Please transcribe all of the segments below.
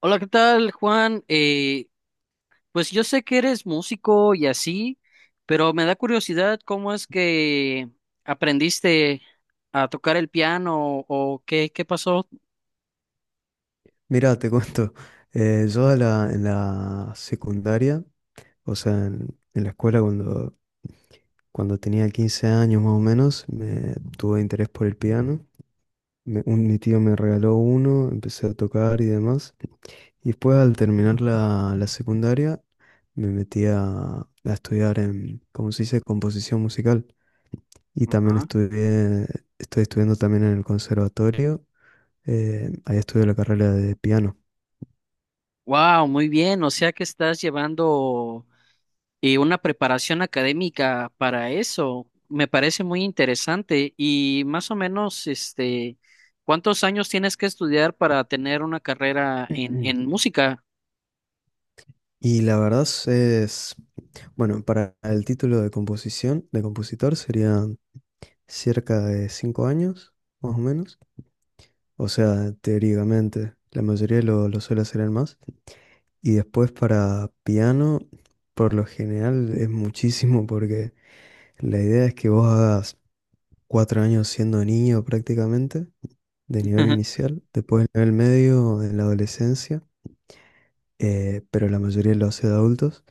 Hola, ¿qué tal, Juan? Pues yo sé que eres músico y así, pero me da curiosidad cómo es que aprendiste a tocar el piano o qué pasó. Mira, te cuento, yo en la secundaria, o sea, en la escuela cuando tenía 15 años más o menos, me tuve interés por el piano. Mi tío me regaló uno, empecé a tocar y demás. Y después al terminar la secundaria, me metí a estudiar en, ¿cómo se dice?, composición musical. Y también Ajá. Estoy estudiando también en el conservatorio, ahí estudio la carrera de piano. Wow, muy bien. O sea que estás llevando una preparación académica para eso. Me parece muy interesante. Y más o menos, ¿cuántos años tienes que estudiar para tener una carrera en música? Y la verdad es, bueno, para el título de composición, de compositor, serían cerca de 5 años, más o menos. O sea, teóricamente, la mayoría lo suele hacer en más. Y después para piano, por lo general es muchísimo porque la idea es que vos hagas 4 años siendo niño prácticamente, de nivel inicial, después el nivel medio, en la adolescencia, pero la mayoría lo hace de adultos.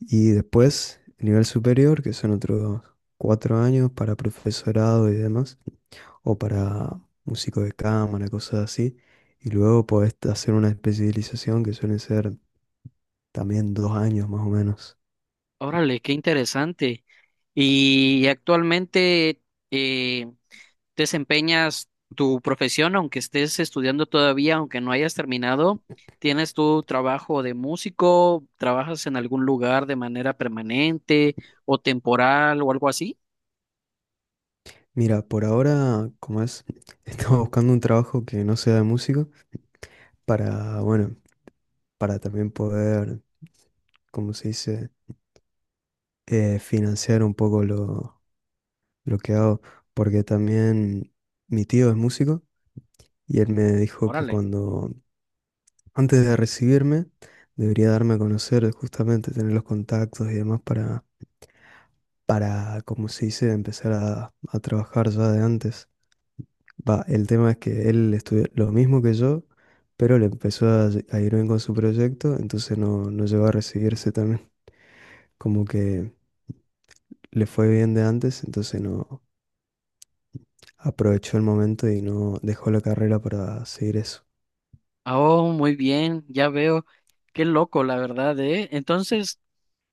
Y después, nivel superior, que son otros 4 años para profesorado y demás, o para músico de cámara, cosas así. Y luego podés hacer una especialización que suelen ser también 2 años más o menos. Órale, qué interesante. ¿Y actualmente eh, desempeñas tu profesión, aunque estés estudiando todavía, aunque no hayas terminado? ¿Tienes tu trabajo de músico? ¿Trabajas en algún lugar de manera permanente o temporal o algo así? Mira, por ahora, como es, estaba buscando un trabajo que no sea de músico para, bueno, para también poder, como se dice, financiar un poco lo que hago, porque también mi tío es músico. Y él me dijo que Órale. cuando antes de recibirme, debería darme a conocer, justamente tener los contactos y demás para, como se dice, empezar a trabajar ya de antes. Va, el tema es que él estudió lo mismo que yo, pero le empezó a ir bien con su proyecto, entonces no llegó a recibirse también. Como que le fue bien de antes, entonces no aprovechó el momento y no dejó la carrera para seguir eso. Oh, muy bien, ya veo. Qué loco, la verdad, ¿eh? Entonces,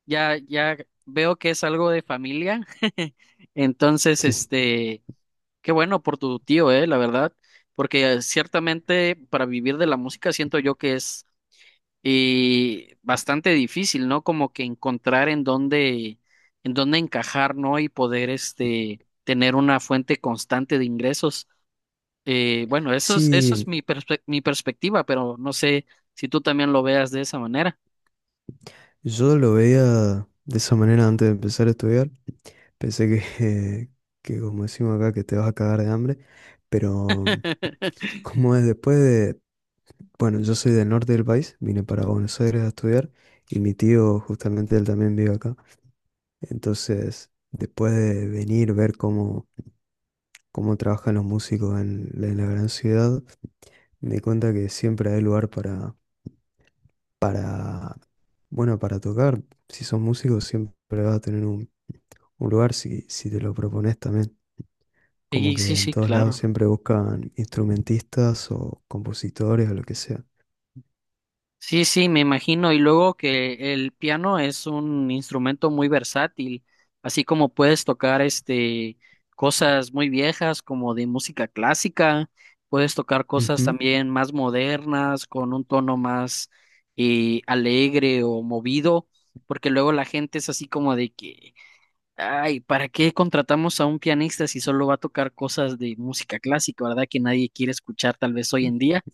ya veo que es algo de familia. Entonces, este... Qué bueno por tu tío, la verdad, porque ciertamente para vivir de la música siento yo que es bastante difícil, ¿no? Como que encontrar en en dónde encajar, ¿no? Y poder este tener una fuente constante de ingresos. Bueno, eso es Sí, mi perspectiva, pero no sé si tú también lo veas de esa manera. yo lo veía de esa manera antes de empezar a estudiar. Pensé que, que, como decimos acá, que te vas a cagar de hambre, pero como es después de, bueno, yo soy del norte del país, vine para Buenos Aires a estudiar y mi tío justamente él también vive acá. Entonces, después de venir, ver cómo trabajan los músicos en la gran ciudad, me di cuenta que siempre hay lugar para, para, bueno, para tocar. Si sos músico, siempre vas a tener un lugar si te lo propones también. Como Sí, que sí, en sí, todos lados claro. siempre buscan instrumentistas o compositores o lo que sea. Sí, sí, me imagino. Y luego que el piano es un instrumento muy versátil, así como puedes tocar este cosas muy viejas como de música clásica, puedes tocar cosas Ujú, también más modernas con un tono más alegre o movido, porque luego la gente es así como de que, ay, ¿para qué contratamos a un pianista si solo va a tocar cosas de música clásica, verdad? Que nadie quiere escuchar tal vez hoy en día.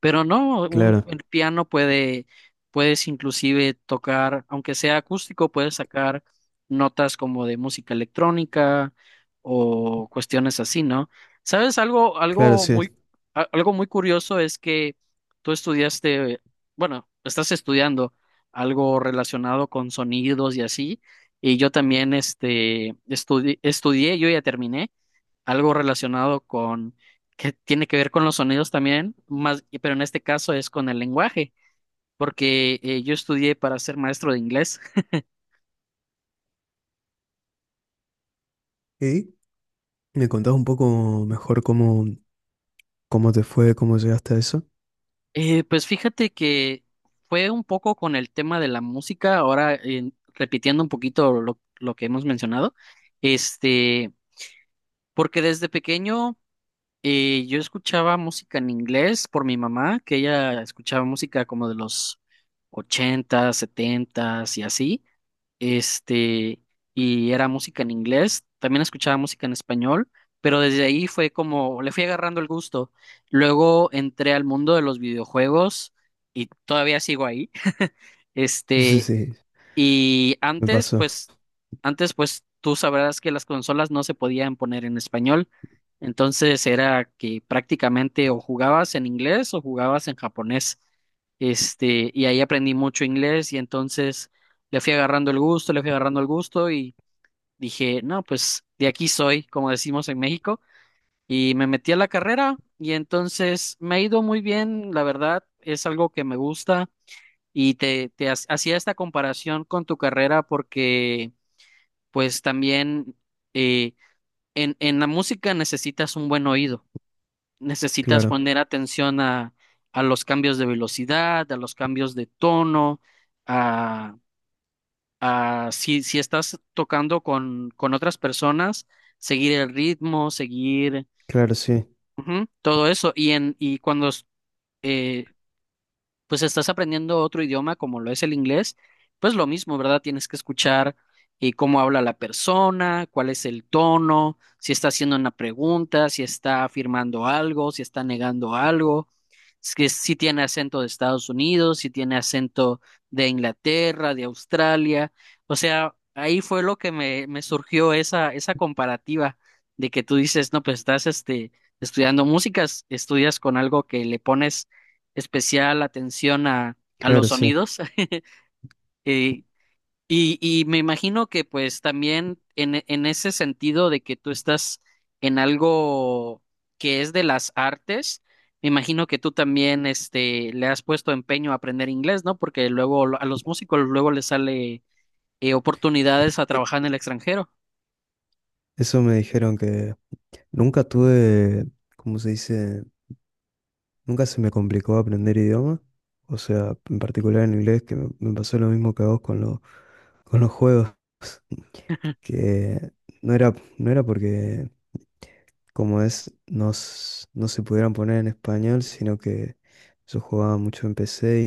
Pero no, claro, el piano puede, puedes inclusive tocar, aunque sea acústico, puedes sacar notas como de música electrónica o cuestiones así, ¿no? ¿Sabes? Claro, Algo sí. muy, algo muy curioso es que tú estudiaste, bueno, estás estudiando algo relacionado con sonidos y así, y yo también, estudié, yo ya terminé algo relacionado que tiene que ver con los sonidos también, pero en este caso es con el lenguaje, porque yo estudié para ser maestro de inglés. ¿Y me contás un poco mejor cómo te fue, cómo llegaste a eso? Pues fíjate que fue un poco con el tema de la música, ahora repitiendo un poquito lo que hemos mencionado, este, porque desde pequeño yo escuchaba música en inglés por mi mamá, que ella escuchaba música como de los 80, 70 y así. este, y era música en inglés, también escuchaba música en español, pero desde ahí fue como, le fui agarrando el gusto. Luego entré al mundo de los videojuegos y todavía sigo ahí. Sí, Este, sí, y me antes, pasó. Antes, pues, tú sabrás que las consolas no se podían poner en español. Entonces era que prácticamente o jugabas en inglés o jugabas en japonés. Este, y ahí aprendí mucho inglés y entonces le fui agarrando el gusto, le fui agarrando el gusto y dije, no, pues de aquí soy, como decimos en México, y me metí a la carrera y entonces me ha ido muy bien, la verdad, es algo que me gusta, y hacía esta comparación con tu carrera porque, pues también eh, en la música necesitas un buen oído, necesitas Claro, poner atención a los cambios de velocidad, a los cambios de tono, a, a si estás tocando con otras personas, seguir el ritmo, seguir claro, sí, ujú, todo eso. Y cuando pues estás aprendiendo otro idioma como lo es el inglés, pues lo mismo, ¿verdad? Tienes que escuchar cómo habla la persona, cuál es el tono, si está haciendo una pregunta, si está afirmando algo, si está negando algo, si tiene acento de Estados Unidos, si tiene acento de Inglaterra, de Australia. O sea, ahí fue lo que me surgió esa comparativa de que tú dices, no, pues estás estudiando músicas, estudias con algo que le pones especial atención a los claro, sí. sonidos. eh, y me imagino que pues también en ese sentido de que tú estás en algo que es de las artes, me imagino que tú también le has puesto empeño a aprender inglés, ¿no? Porque luego a los músicos luego les sale oportunidades a trabajar en el extranjero. Eso me dijeron que nunca tuve, ¿cómo se dice? Nunca se me complicó aprender idioma. O sea, en particular en inglés, que me pasó lo mismo que a vos con, con los juegos. Que no era porque, como es, no se pudieran poner en español, sino que yo jugaba mucho en PC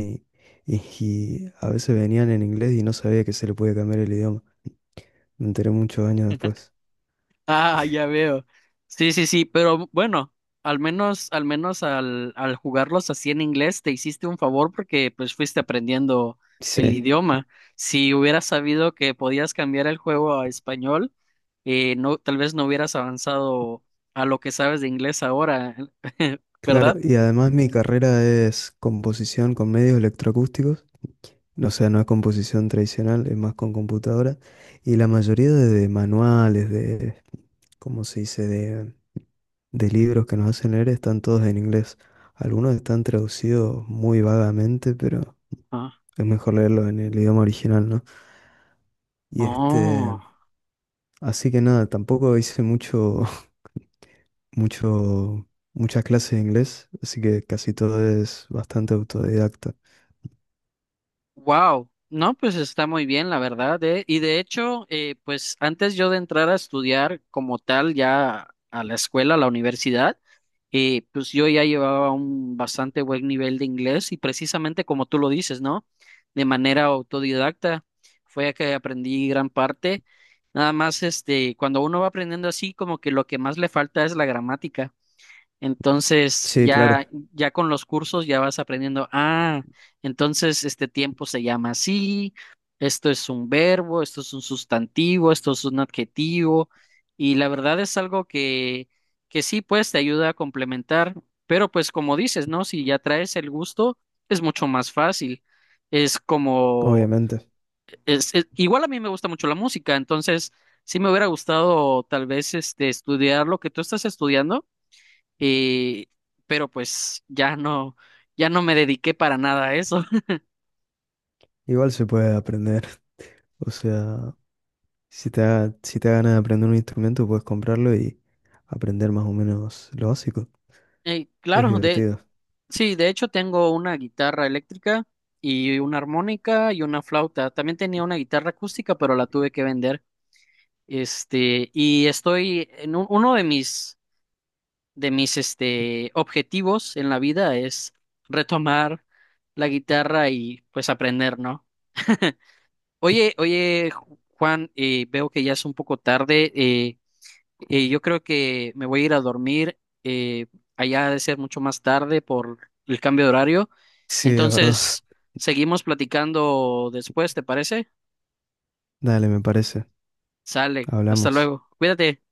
y a veces venían en inglés y no sabía que se le podía cambiar el idioma. Me enteré muchos años después. Ah, ya veo. Sí, sí, sí, pero bueno, al menos, al menos al jugarlos así en inglés te hiciste un favor porque pues fuiste aprendiendo el Sí, idioma. Si hubieras sabido que podías cambiar el juego a español, no, tal vez no hubieras avanzado a lo que sabes de inglés ahora, claro, ¿verdad? y además mi carrera es composición con medios electroacústicos. O sea, no es composición tradicional, es más con computadora. Y la mayoría de manuales, de, ¿cómo se dice?, de libros que nos hacen leer están todos en inglés. Algunos están traducidos muy vagamente, pero Ah, es mejor leerlo en el idioma original, ¿no? Y oh. este, así que nada, tampoco hice mucho, muchas clases de inglés, así que casi todo es bastante autodidacta. Wow, no, pues está muy bien, la verdad, ¿eh? Y de hecho, pues antes yo de entrar a estudiar como tal ya a la escuela, a la universidad, pues yo ya llevaba un bastante buen nivel de inglés y precisamente como tú lo dices, ¿no? De manera autodidacta fue que aprendí gran parte. Nada más, este, cuando uno va aprendiendo así, como que lo que más le falta es la gramática. Entonces, Sí, claro, ya con los cursos ya vas aprendiendo, ah, entonces este tiempo se llama así, esto es un verbo, esto es un sustantivo, esto es un adjetivo, y la verdad es algo que sí, pues te ayuda a complementar, pero pues como dices, ¿no? Si ya traes el gusto, es mucho más fácil. Es como, obviamente. Igual a mí me gusta mucho la música, entonces sí me hubiera gustado tal vez estudiar lo que tú estás estudiando y, pero pues ya no, ya no me dediqué para nada a eso. Igual se puede aprender. O sea, si te da ganas de aprender un instrumento, puedes comprarlo y aprender más o menos lo básico. Es claro, divertido. sí, de hecho tengo una guitarra eléctrica y una armónica y una flauta. También tenía una guitarra acústica, pero la tuve que vender. Este, y estoy en uno de de mis, este, objetivos en la vida es retomar la guitarra y pues aprender, ¿no? Oye, Juan, veo que ya es un poco tarde. Yo creo que me voy a ir a dormir. eh, allá ha de ser mucho más tarde por el cambio de horario. Sí, es verdad. Entonces, seguimos platicando después, ¿te parece? Dale, me parece. Sale. Hasta Hablamos. luego. Cuídate.